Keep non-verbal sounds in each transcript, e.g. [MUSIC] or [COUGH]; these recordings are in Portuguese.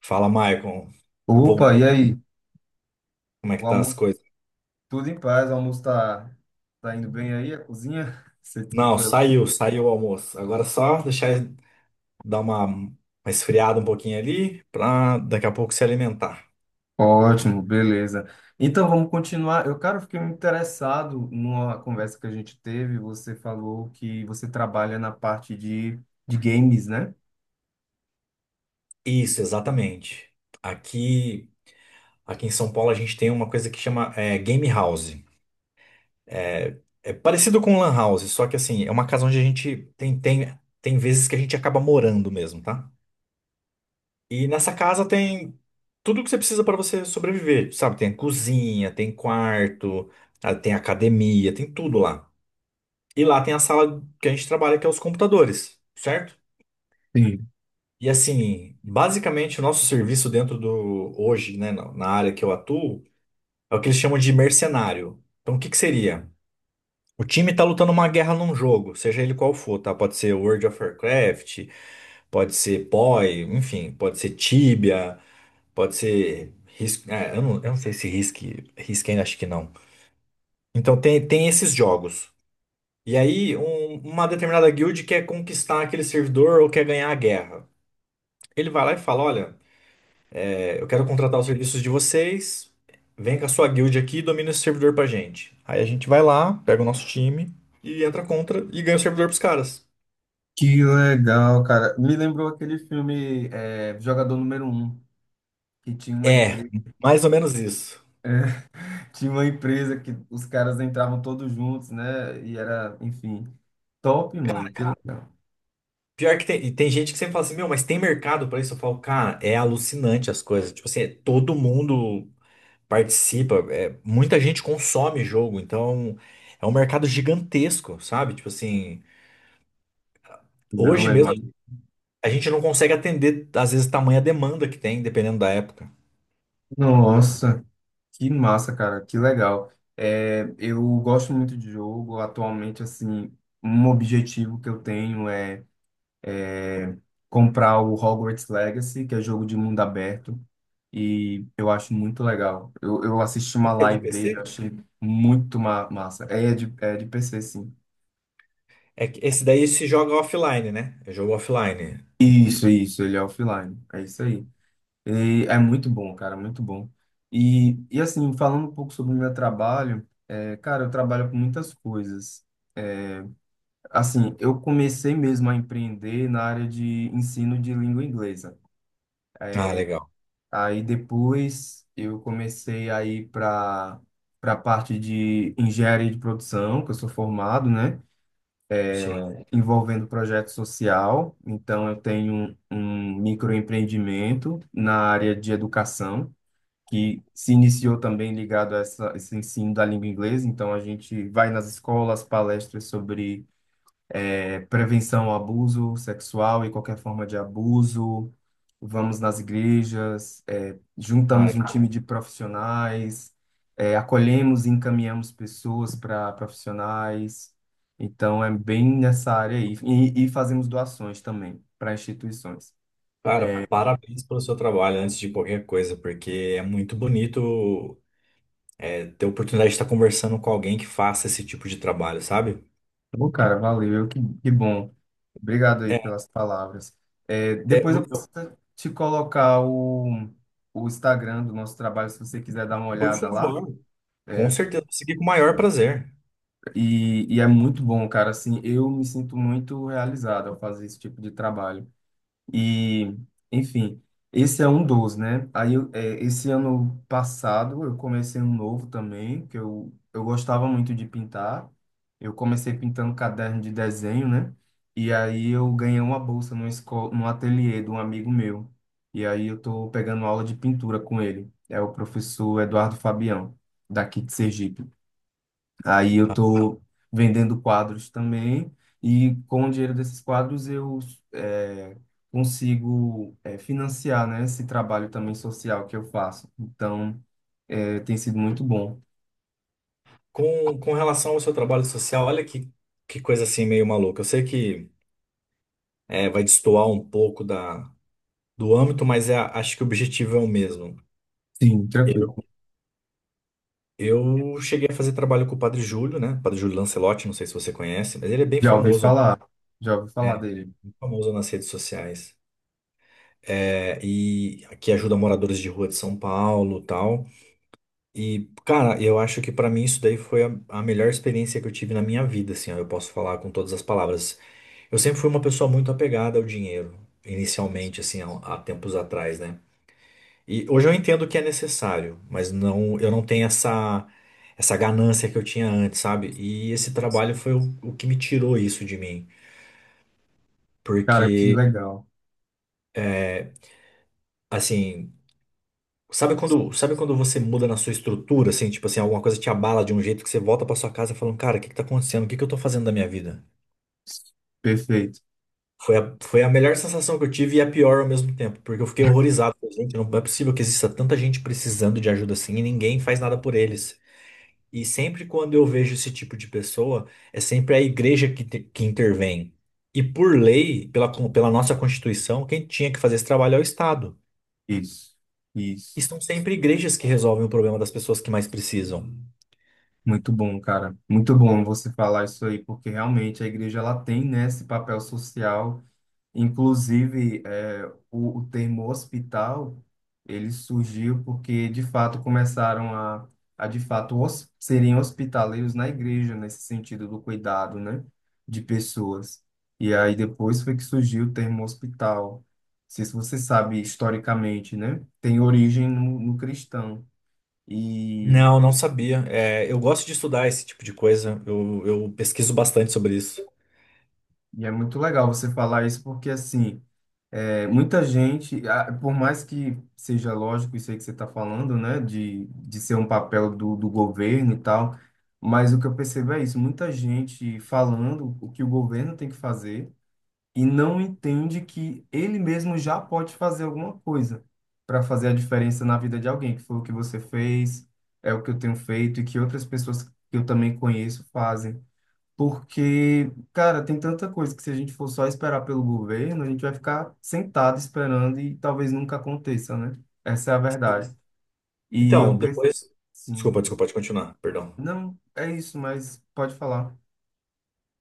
Fala, Maicon. Opa, Voltou. e aí? Como é que O tá as almoço, coisas? Tudo em paz, o almoço tá indo bem aí, a cozinha? [LAUGHS] Sei que Não, foi lá. saiu, saiu o almoço. Agora é só deixar dar uma esfriada um pouquinho ali pra daqui a pouco se alimentar. Ótimo, beleza. Então vamos continuar. Eu, cara, fiquei interessado numa conversa que a gente teve. Você falou que você trabalha na parte de games, né? Isso, exatamente. Aqui, aqui em São Paulo a gente tem uma coisa que chama Game House. É, é parecido com Lan House, só que assim, é uma casa onde a gente tem, tem vezes que a gente acaba morando mesmo, tá? E nessa casa tem tudo que você precisa para você sobreviver, sabe? Tem a cozinha, tem quarto, tem academia, tem tudo lá. E lá tem a sala que a gente trabalha, que é os computadores, certo? Sim. E assim, basicamente o nosso serviço dentro do hoje, né, na área que eu atuo, é o que eles chamam de mercenário. Então, o que que seria? O time tá lutando uma guerra num jogo, seja ele qual for, tá? Pode ser World of Warcraft, pode ser P o PoE, enfim, pode ser Tibia. Pode ser risco. Eu não sei se risque ainda acho que não. Então tem esses jogos. E aí, uma determinada guild quer conquistar aquele servidor ou quer ganhar a guerra. Ele vai lá e fala: Olha, eu quero contratar os serviços de vocês. Vem com a sua guild aqui e domina esse servidor pra gente. Aí a gente vai lá, pega o nosso time e entra contra e ganha o servidor pros caras. Que legal, cara. Me lembrou aquele filme Jogador Número Um que tinha uma É, empresa, mais ou menos isso. [LAUGHS] tinha uma empresa que os caras entravam todos juntos, né? E era, enfim, top, mano. Que legal. Pior que tem, e tem gente que sempre fala assim, meu, mas tem mercado pra isso? Eu falo, cara, é alucinante as coisas. Tipo assim, é todo mundo participa, é, muita gente consome jogo, então é um mercado gigantesco, sabe? Tipo assim, Não, hoje é. mesmo a gente não consegue atender, às vezes, tamanha demanda que tem, dependendo da época. Nossa, que massa, cara, que legal. É, eu gosto muito de jogo. Atualmente, assim, um objetivo que eu tenho é é comprar o Hogwarts Legacy, que é jogo de mundo aberto, e eu acho muito legal. Eu assisti uma Esse é de live dele, eu PC? achei muito ma massa. É de PC, sim. É que esse daí se joga offline, né? É jogo offline. Isso, ele é offline. É isso aí. E é muito bom, cara, muito bom. E assim, falando um pouco sobre o meu trabalho, cara, eu trabalho com muitas coisas. Assim, eu comecei mesmo a empreender na área de ensino de língua inglesa. Ah, legal. Aí depois eu comecei a ir para a parte de engenharia de produção, que eu sou formado, né? Sim. Envolvendo projeto social. Então eu tenho um microempreendimento na área de educação, que se iniciou também ligado a essa, esse ensino da língua inglesa. Então a gente vai nas escolas, palestras sobre prevenção ao abuso sexual e qualquer forma de abuso. Vamos nas igrejas, juntamos Cara, um time de profissionais, acolhemos e encaminhamos pessoas para profissionais. Então, é bem nessa área aí. E fazemos doações também para instituições. cara, parabéns pelo seu trabalho antes de qualquer coisa, porque é muito bonito é, ter a oportunidade de estar conversando com alguém que faça esse tipo de trabalho, sabe? Ô, cara, valeu, que bom. Obrigado aí É, pelas palavras. É, Depois eu posso te colocar o Instagram do nosso trabalho, se você quiser dar uma por olhada lá. favor. Com É, certeza, vou seguir com o maior prazer. e é muito bom, cara. Assim, eu me sinto muito realizado ao fazer esse tipo de trabalho. E, enfim, esse é um dos, né? Aí, esse ano passado, eu comecei um novo também, que eu gostava muito de pintar. Eu comecei pintando caderno de desenho, né? E aí eu ganhei uma bolsa numa escola, num ateliê de um amigo meu. E aí eu tô pegando aula de pintura com ele. É o professor Eduardo Fabião, daqui de Sergipe. Aí eu Tá? tô vendendo quadros também e com o dinheiro desses quadros eu é, consigo financiar, né, esse trabalho também social que eu faço. Então, tem sido muito bom. Com relação ao seu trabalho social, olha que coisa assim meio maluca. Eu sei que é, vai destoar um pouco da, do âmbito, mas é, acho que o objetivo é o mesmo. Sim, tranquilo. Eu, eu cheguei a fazer trabalho com o Padre Júlio, né? Padre Júlio Lancelotti, não sei se você conhece, mas ele Já ouvi falar, já ouvi falar é, dele. bem famoso nas redes sociais. É, e que ajuda moradores de rua de São Paulo, tal. E, cara, eu acho que pra mim isso daí foi a melhor experiência que eu tive na minha vida, assim, ó, eu posso falar com todas as palavras. Eu sempre fui uma pessoa muito apegada ao dinheiro, inicialmente, assim, há tempos atrás, né? E hoje eu entendo que é necessário, mas não, eu não tenho essa ganância que eu tinha antes, sabe? E esse trabalho foi o que me tirou isso de mim, Cara, que porque, legal. é, assim. Sabe quando você muda na sua estrutura, assim, tipo assim, alguma coisa te abala de um jeito que você volta pra sua casa falando, cara, o que que tá acontecendo? O que que eu tô fazendo da minha vida? Perfeito. Foi a melhor sensação que eu tive e a pior ao mesmo tempo, porque eu fiquei horrorizado. Falei, gente, não é possível que exista tanta gente precisando de ajuda assim e ninguém faz nada por eles. E sempre quando eu vejo esse tipo de pessoa, é sempre a igreja que intervém. E por lei, pela nossa Constituição, quem tinha que fazer esse trabalho é o Estado. Isso, E isso. são sempre igrejas que resolvem o problema das pessoas que mais precisam. Muito bom, cara. Muito bom você falar isso aí, porque realmente a igreja ela tem, né, esse papel social. Inclusive, o termo hospital, ele surgiu porque, de fato, começaram a de fato, serem hospitaleiros na igreja, nesse sentido do cuidado, né, de pessoas. E aí depois foi que surgiu o termo hospital. Não sei se você sabe historicamente, né, tem origem no, no cristão. E, Não, não sabia. É, eu gosto de estudar esse tipo de coisa. Eu pesquiso bastante sobre isso. e é muito legal você falar isso porque, assim, é, muita gente, ah, por mais que seja lógico isso aí que você está falando, né, de ser um papel do governo e tal, mas o que eu percebo é isso, muita gente falando o que o governo tem que fazer e não entende que ele mesmo já pode fazer alguma coisa para fazer a diferença na vida de alguém, que foi o que você fez, é o que eu tenho feito e que outras pessoas que eu também conheço fazem. Porque, cara, tem tanta coisa que se a gente for só esperar pelo governo, a gente vai ficar sentado esperando e talvez nunca aconteça, né? Essa é a Sim. verdade. E eu Então, penso, depois. sim, Desculpa, pode continuar, perdão. não, é isso, mas pode falar.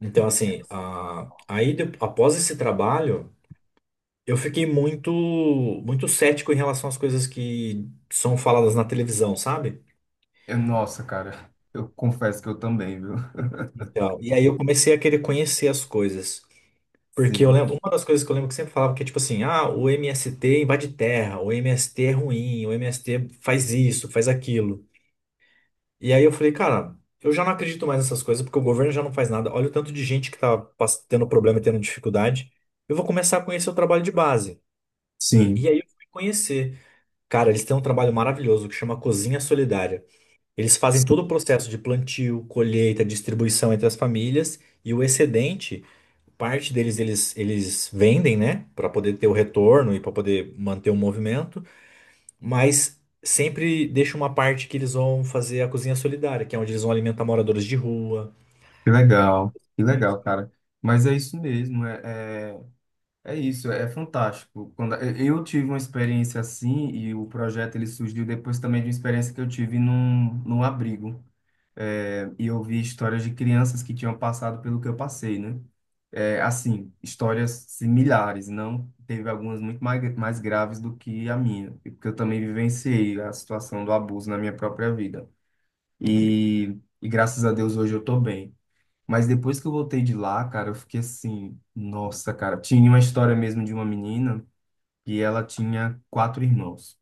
Então, assim, após esse trabalho, eu fiquei muito cético em relação às coisas que são faladas na televisão, sabe? Nossa, cara, eu confesso que eu também, viu? Então, e aí eu comecei a querer conhecer as coisas. Porque Sim, eu lembro, uma das coisas que eu lembro que sempre falava que é tipo assim, ah, o MST invade terra, o MST é ruim, o MST faz isso, faz aquilo. E aí eu falei, cara, eu já não acredito mais nessas coisas, porque o governo já não faz nada. Olha o tanto de gente que tá tendo problema e tendo dificuldade. Eu vou começar a conhecer o trabalho de base. sim, E aí eu fui conhecer. Cara, eles têm um trabalho maravilhoso que chama Cozinha Solidária. Eles fazem todo o sim. processo de plantio, colheita, distribuição entre as famílias e o excedente, parte deles eles vendem, né, para poder ter o retorno e para poder manter o movimento. Mas sempre deixa uma parte que eles vão fazer a cozinha solidária, que é onde eles vão alimentar moradores de rua. Que Né? legal, cara. Mas é isso mesmo, é, é. É isso, é fantástico. Quando eu tive uma experiência assim e o projeto ele surgiu depois também de uma experiência que eu tive num abrigo. É, e eu vi histórias de crianças que tinham passado pelo que eu passei, né? É, assim, histórias similares, não teve algumas muito mais, graves do que a minha, e porque eu também vivenciei a situação do abuso na minha própria vida. E graças a Deus hoje eu tô bem. Mas depois que eu voltei de lá, cara, eu fiquei assim, nossa, cara. Tinha uma história mesmo de uma menina e ela tinha quatro irmãos.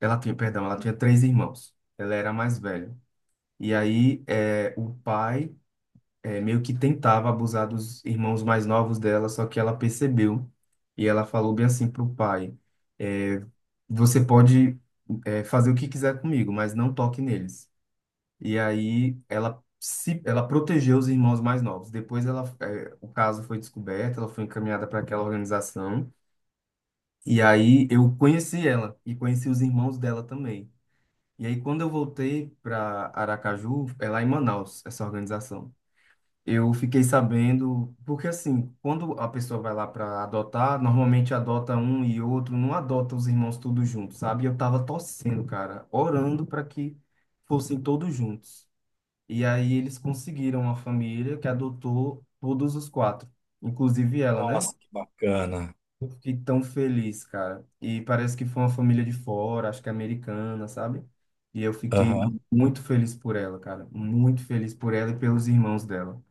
Ela tinha, perdão, ela tinha três irmãos. Ela era a mais velha. E aí, o pai meio que tentava abusar dos irmãos mais novos dela, só que ela percebeu. E ela falou bem assim pro pai: é, Você pode, fazer o que quiser comigo, mas não toque neles. E aí ela se, ela protegeu os irmãos mais novos. Depois o caso foi descoberto, ela foi encaminhada para aquela organização. E aí eu conheci ela e conheci os irmãos dela também. E aí quando eu voltei para Aracaju, é lá em Manaus, essa organização. Eu fiquei sabendo, porque assim, quando a pessoa vai lá para adotar, normalmente adota um e outro, não adota os irmãos todos juntos, sabe? E eu tava torcendo, cara, orando para que fossem todos juntos. E aí eles conseguiram uma família que adotou todos os quatro, inclusive ela, né? Nossa, que bacana. Eu fiquei tão feliz, cara. E parece que foi uma família de fora, acho que americana, sabe? E eu fiquei Aham. muito feliz por ela, cara. Muito feliz por ela e pelos irmãos dela.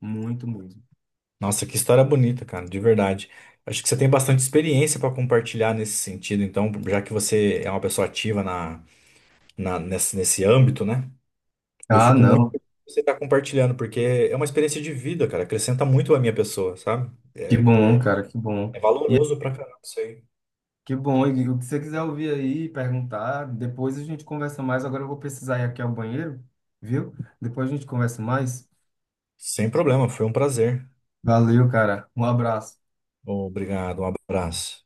Muito mesmo. Nossa, que história bonita, cara, de verdade. Acho que você tem bastante experiência para compartilhar nesse sentido, então, já que você é uma pessoa ativa nesse, nesse âmbito, né? Eu Ah, fico muito não. feliz que você está compartilhando, porque é uma experiência de vida, cara, acrescenta muito à minha pessoa, sabe? Que É, bom, cara, que bom. é E é, valoroso pra caramba isso aí. que bom. E o que você quiser ouvir aí, perguntar, depois a gente conversa mais. Agora eu vou precisar ir aqui ao banheiro, viu? Depois a gente conversa mais. Sem problema, foi um prazer. Valeu, cara. Um abraço. Obrigado, um abraço.